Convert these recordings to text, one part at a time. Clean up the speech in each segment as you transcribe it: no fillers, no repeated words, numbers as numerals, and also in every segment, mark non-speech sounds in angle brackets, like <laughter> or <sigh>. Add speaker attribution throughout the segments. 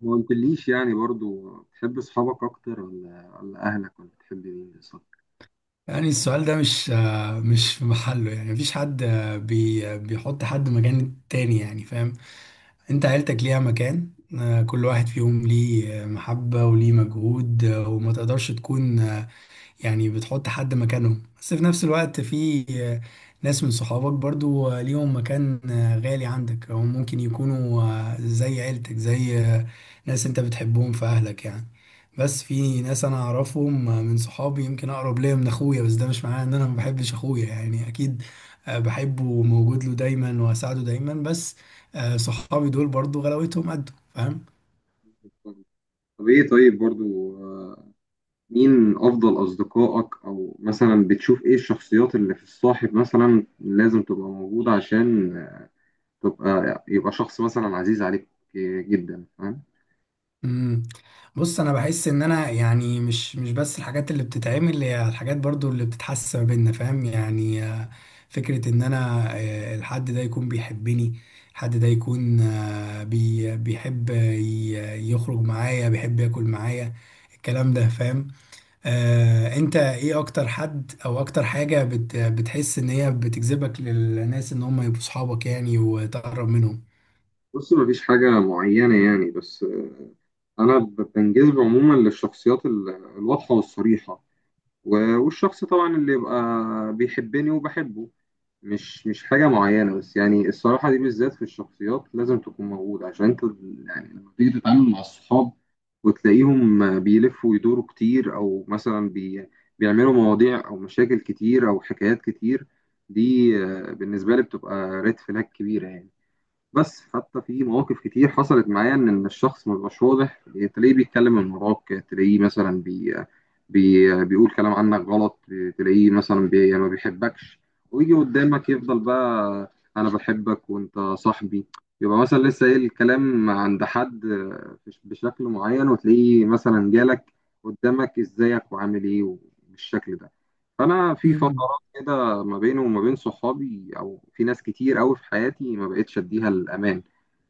Speaker 1: ما قلتليش يعني برضو بتحب اصحابك اكتر ولا اهلك ولا بتحب مين بالظبط؟
Speaker 2: يعني السؤال ده مش في محله، يعني مفيش حد آه، بي آه، بيحط حد مكان تاني، يعني فاهم. انت عيلتك ليها مكان. كل واحد فيهم ليه محبة وليه مجهود وما تقدرش تكون، يعني بتحط حد مكانهم. بس في نفس الوقت في ناس من صحابك برضو ليهم مكان غالي عندك، او ممكن يكونوا زي عيلتك، زي ناس انت بتحبهم في اهلك يعني. بس في ناس انا اعرفهم من صحابي يمكن اقرب ليا من اخويا، بس ده مش معناه ان انا ما بحبش اخويا يعني. اكيد بحبه وموجود له دايما واساعده دايما، بس صحابي دول برضو غلاوتهم قد فاهم.
Speaker 1: طب ايه؟ طيب برضو مين افضل اصدقائك؟ او مثلا بتشوف ايه الشخصيات اللي في الصاحب مثلا لازم تبقى موجودة عشان يبقى شخص مثلا عزيز عليك جدا؟ فاهم.
Speaker 2: امم. بص انا بحس ان انا يعني مش بس الحاجات اللي بتتعمل هي الحاجات برضو اللي بتتحس ما بيننا فاهم يعني. فكرة ان انا الحد ده يكون بيحبني، الحد ده يكون آه، بي بيحب يخرج معايا، بيحب ياكل معايا، الكلام ده فاهم. انت ايه اكتر حد او اكتر حاجة بتحس ان هي بتجذبك للناس ان هم يبقوا صحابك، يعني وتقرب منهم.
Speaker 1: بص، مفيش حاجة معينة يعني، بس أنا بنجذب عموما للشخصيات الواضحة والصريحة، والشخص طبعا اللي يبقى بيحبني وبحبه. مش حاجة معينة بس، يعني الصراحة دي بالذات في الشخصيات لازم تكون موجودة، عشان انت يعني لما تيجي تتعامل مع الصحاب وتلاقيهم بيلفوا ويدوروا كتير، او مثلا بيعملوا مواضيع او مشاكل كتير او حكايات كتير، دي بالنسبة لي بتبقى ريد فلاج كبيرة يعني. بس حتى في مواقف كتير حصلت معايا ان إن الشخص ما بيبقاش واضح، إيه، تلاقيه بيتكلم من وراك، تلاقيه مثلا بي بي بيقول كلام عنك غلط، تلاقيه مثلا يعني ما بيحبكش، ويجي قدامك يفضل بقى انا بحبك وانت صاحبي. يبقى مثلا لسه ايه الكلام عند حد بشكل معين، وتلاقيه مثلا جالك قدامك ازيك وعامل ايه؟ بالشكل ده. فانا في
Speaker 2: امم.
Speaker 1: فترات كده ما بينه وما بين صحابي، او في ناس كتير قوي في حياتي ما بقتش اديها الامان.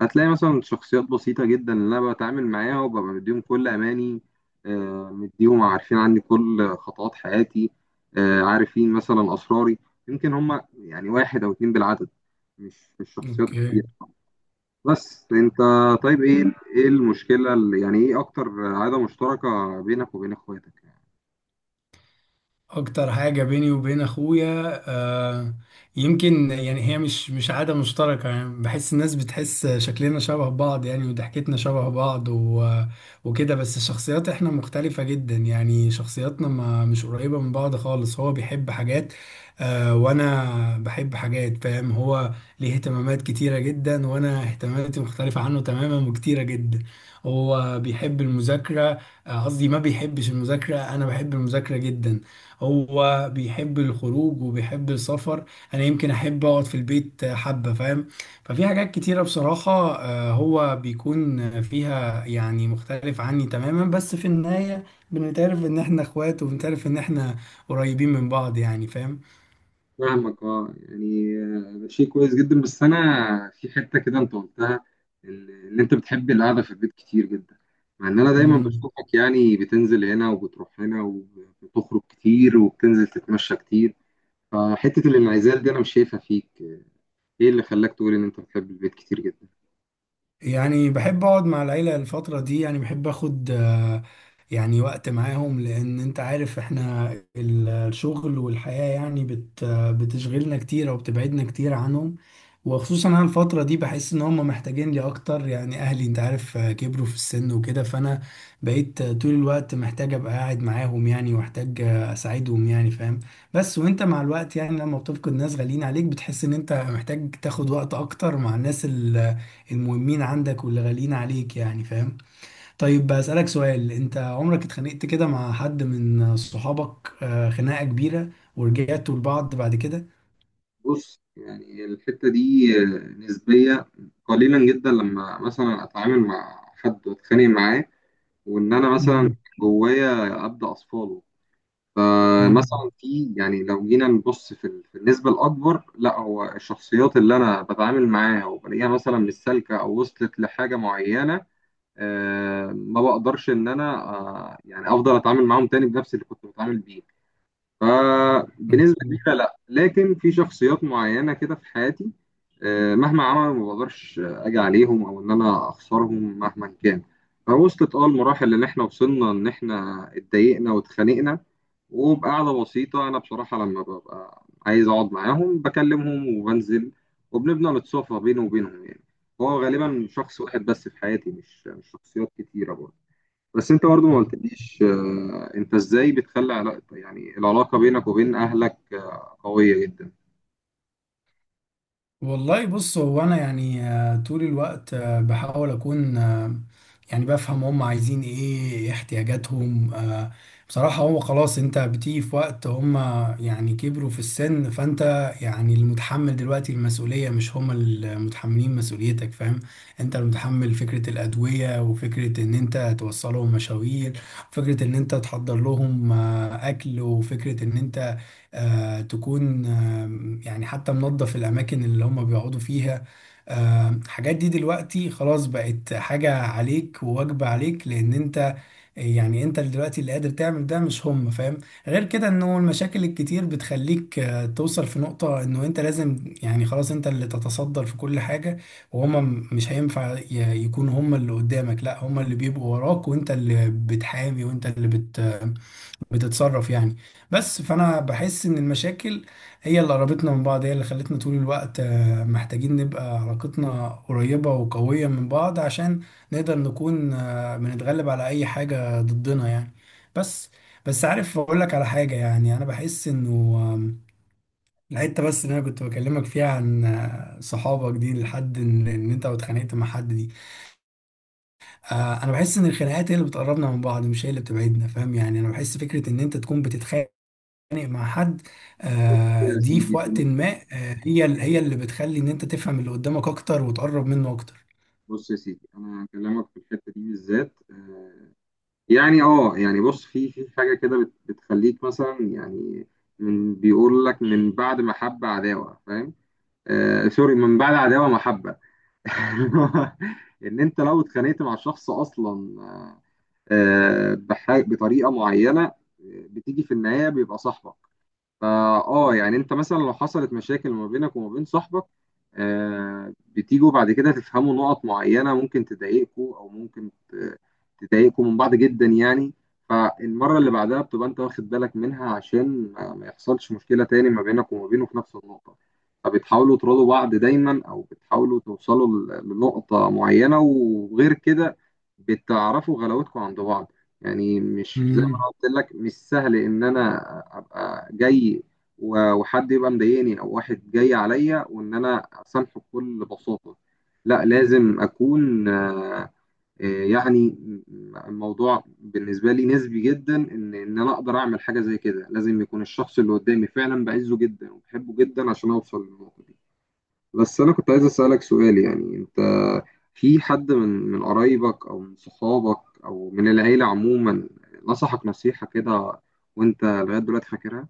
Speaker 1: هتلاقي مثلا شخصيات بسيطه جدا اللي انا بتعامل معاها وببقى مديهم كل اماني، مديهم عارفين عني كل خطوات حياتي، عارفين مثلا اسراري. يمكن هم يعني واحد او اتنين بالعدد، مش شخصيات كتير.
Speaker 2: اوكي.
Speaker 1: بس انت، طيب ايه، ايه المشكله اللي يعني، ايه اكتر عاده مشتركه بينك وبين اخواتك؟
Speaker 2: اكتر حاجة بيني وبين اخويا يمكن يعني هي مش عادة مشتركة، يعني بحس الناس بتحس شكلنا شبه بعض يعني وضحكتنا شبه بعض و وكده. بس الشخصيات احنا مختلفة جدا، يعني شخصياتنا ما مش قريبة من بعض خالص. هو بيحب حاجات وانا بحب حاجات فاهم. هو ليه اهتمامات كتيرة جدا وانا اهتماماتي مختلفة عنه تماما وكتيرة جدا. هو بيحب المذاكرة قصدي ما بيحبش المذاكرة، انا بحب المذاكرة جدا. هو بيحب الخروج وبيحب السفر، انا يمكن احب اقعد في البيت حبة فاهم. ففي حاجات كتيرة بصراحة هو بيكون فيها يعني مختلف عني تماما. بس في النهاية بنتعرف ان احنا اخوات، وبنتعرف ان احنا قريبين من بعض يعني.
Speaker 1: فاهمك. اه يعني ده شيء كويس جدا، بس انا في حته كده انت قلتها، ان ان انت بتحب القعده في البيت كتير جدا، مع ان انا دايما
Speaker 2: فاهم.
Speaker 1: بشوفك يعني بتنزل هنا وبتروح هنا وبتخرج كتير وبتنزل تتمشى كتير، فحته الانعزال دي انا مش شايفها فيك. ايه اللي خلاك تقول ان انت بتحب البيت كتير جدا؟
Speaker 2: يعني بحب اقعد مع العيلة الفترة دي، يعني بحب اخد يعني وقت معاهم لان انت عارف احنا الشغل والحياة يعني بت آه، بتشغلنا كتير او بتبعدنا كتير عنهم. وخصوصا انا الفترة دي بحس ان هم محتاجين لي اكتر، يعني اهلي انت عارف كبروا في السن وكده. فانا بقيت طول الوقت محتاج ابقى قاعد معاهم يعني، واحتاج اساعدهم يعني فاهم. بس وانت مع الوقت يعني لما بتفقد ناس غاليين عليك بتحس ان انت محتاج تاخد وقت اكتر مع الناس المهمين عندك واللي غاليين عليك يعني فاهم. طيب بسألك سؤال، انت عمرك اتخانقت كده مع حد من صحابك خناقة كبيرة ورجعتوا لبعض بعد كده؟
Speaker 1: بص يعني الحته دي نسبيه، قليلا جدا لما مثلا اتعامل مع حد واتخانق معاه وان انا مثلا
Speaker 2: مم.
Speaker 1: جوايا ابدا اصفاله. فمثلا في، يعني لو جينا نبص في النسبة الأكبر لا، هو الشخصيات اللي أنا بتعامل معاها وبلاقيها مثلا مش سالكة أو وصلت لحاجة معينة ما بقدرش إن أنا يعني أفضل أتعامل معاهم تاني بنفس اللي كنت بتعامل بيه. فبنسبة كبيرة لا، لكن في شخصيات معينة كده في حياتي مهما عملوا ما بقدرش اجي عليهم او ان انا اخسرهم مهما كان. فوصلت اه المراحل اللي احنا وصلنا ان احنا اتضايقنا واتخانقنا، وبقعدة بسيطة أنا بصراحة لما ببقى عايز أقعد معاهم بكلمهم وبنزل، وبنبدأ نتصافى بيني وبينهم يعني. هو غالبا شخص واحد بس في حياتي، مش شخصيات كتيرة برضه. بس انت برضه ما
Speaker 2: مم.
Speaker 1: قلتليش انت ازاي بتخلي علاقة، يعني العلاقة بينك وبين اهلك قوية جدا؟
Speaker 2: والله بص، هو انا يعني طول الوقت بحاول اكون يعني بفهم هم عايزين ايه، إيه احتياجاتهم بصراحة. هو خلاص انت بتيجي في وقت هم يعني كبروا في السن، فانت يعني المتحمل دلوقتي المسؤولية مش هم المتحملين مسؤوليتك فاهم. انت المتحمل فكرة الأدوية، وفكرة ان انت توصلهم مشاوير، وفكرة ان انت تحضر لهم اكل، وفكرة ان انت تكون يعني حتى منظف الأماكن اللي هم بيقعدوا فيها. الحاجات دي دلوقتي خلاص بقت حاجة عليك وواجبة عليك، لأن أنت يعني أنت اللي دلوقتي اللي قادر تعمل ده مش هم فاهم. غير كده إنه المشاكل الكتير بتخليك توصل في نقطة إنه أنت لازم يعني خلاص أنت اللي تتصدر في كل حاجة، وهم مش هينفع يكونوا هم اللي قدامك، لا هم اللي بيبقوا وراك وأنت اللي بتحامي وأنت اللي بتتصرف يعني. بس فانا بحس ان المشاكل هي اللي قربتنا من بعض، هي اللي خلتنا طول الوقت محتاجين نبقى علاقتنا قريبة وقوية من بعض عشان نقدر نكون بنتغلب على اي حاجة ضدنا يعني. بس بس عارف اقول لك على حاجة، يعني انا بحس انه آم، الحتة بس اللي انا كنت بكلمك فيها عن صحابك دي لحد إن انت اتخانقت مع حد دي انا بحس ان الخناقات هي اللي بتقربنا من بعض مش هي اللي بتبعدنا فاهم يعني. انا بحس فكرة ان انت تكون بتتخانق مع حد
Speaker 1: بص يا
Speaker 2: دي
Speaker 1: سيدي،
Speaker 2: في وقت
Speaker 1: تمام.
Speaker 2: ما هي اللي بتخلي ان انت تفهم اللي قدامك اكتر وتقرب منه اكتر.
Speaker 1: بص يا سيدي، انا هكلمك في الحتة دي بالذات يعني اه يعني بص، في في حاجة كده بتخليك مثلا يعني، من بيقول لك من بعد محبة عداوة، فاهم؟ آه سوري، من بعد عداوة محبة. <laughs> ان انت لو اتخانقت مع شخص اصلا بطريقة معينة بتيجي في النهاية بيبقى صاحبك. فا اه يعني انت مثلا لو حصلت مشاكل ما بينك وما بين صاحبك بتيجوا بعد كده تفهموا نقط معينة ممكن تضايقكوا او تضايقكوا من بعض جدا يعني. فالمرة اللي بعدها بتبقى انت واخد بالك منها عشان ما يحصلش مشكلة تاني ما بينك وما بينه في نفس النقطة، فبتحاولوا تراضوا بعض دايما او بتحاولوا توصلوا لنقطة معينة، وغير كده بتعرفوا غلاوتكم عند بعض يعني. مش،
Speaker 2: امم
Speaker 1: قلت لك مش سهل ان انا ابقى جاي وحد يبقى مضايقني او واحد جاي عليا وان انا اسامحه بكل بساطه. لا، لازم اكون يعني الموضوع بالنسبه لي نسبي جدا، ان انا اقدر اعمل حاجه زي كده لازم يكون الشخص اللي قدامي فعلا بعزه جدا وبحبه جدا عشان اوصل للنقطه دي. بس أنا كنت عايز أسألك سؤال، يعني أنت في حد من قرايبك أو من صحابك أو من العيلة عموما نصحك نصيحة كده، وأنت لغاية دلوقتي فاكرها؟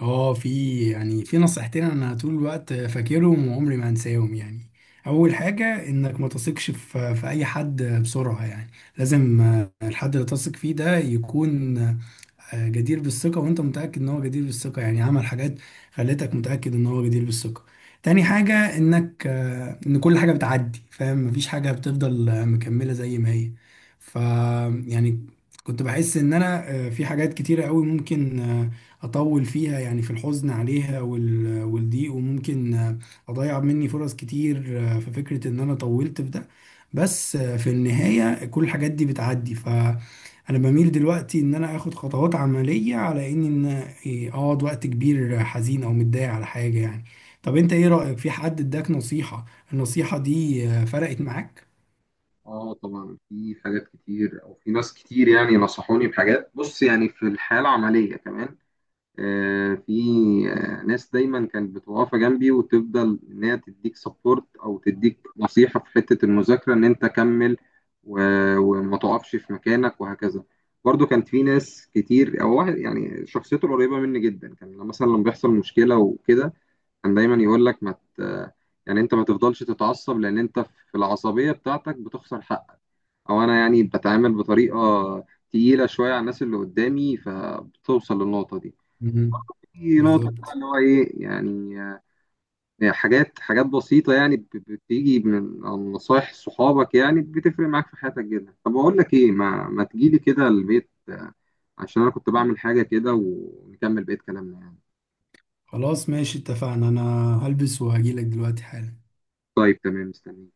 Speaker 2: اه في يعني في نصيحتين انا طول الوقت فاكرهم وعمري ما هنساهم يعني. اول حاجة انك ما تثقش في اي حد بسرعة يعني. لازم الحد اللي تثق فيه ده يكون جدير بالثقة وانت متأكد ان هو جدير بالثقة، يعني عمل حاجات خلتك متأكد ان هو جدير بالثقة. تاني حاجة انك ان كل حاجة بتعدي فاهم، مفيش حاجة بتفضل مكملة زي ما هي. ف يعني كنت بحس ان انا في حاجات كتيرة قوي ممكن اطول فيها، يعني في الحزن عليها والضيق، وممكن اضيع مني فرص كتير في فكرة ان انا طولت في ده. بس في النهاية كل الحاجات دي بتعدي. ف انا بميل دلوقتي ان انا اخد خطوات عملية على ان اقعد وقت كبير حزين او متضايق على حاجة يعني. طب انت ايه رأيك في حد اداك نصيحة، النصيحة دي فرقت معاك؟
Speaker 1: آه طبعا، في حاجات كتير أو في ناس كتير يعني نصحوني بحاجات. بص يعني في الحياة العملية كمان آه، في آه، ناس دايما كانت بتبقى واقفه جنبي وتفضل ان هي تديك سبورت او تديك نصيحه في حته المذاكره ان انت كمل، وما تقفش في مكانك وهكذا. برضو كانت في ناس كتير، او واحد يعني شخصيته قريبه مني جدا، كان لما مثلا لما بيحصل مشكله وكده كان دايما يقول لك ما ت... يعني انت ما تفضلش تتعصب، لان انت في العصبيه بتاعتك بتخسر حقك، او انا يعني بتعامل بطريقه تقيله شويه على الناس اللي قدامي، فبتوصل للنقطه دي
Speaker 2: مم.
Speaker 1: في نقطة بقى
Speaker 2: بالظبط.
Speaker 1: اللي هو إيه يعني حاجات، حاجات بسيطة يعني بتيجي من عن نصايح صحابك يعني بتفرق معاك في حياتك جدا. طب أقول لك إيه، ما تجيلي كده البيت عشان أنا كنت بعمل حاجة كده ونكمل بقية كلامنا يعني.
Speaker 2: خلاص ماشي اتفقنا، انا هلبس وهجيلك دلوقتي حالا.
Speaker 1: طيب تمام، مستني.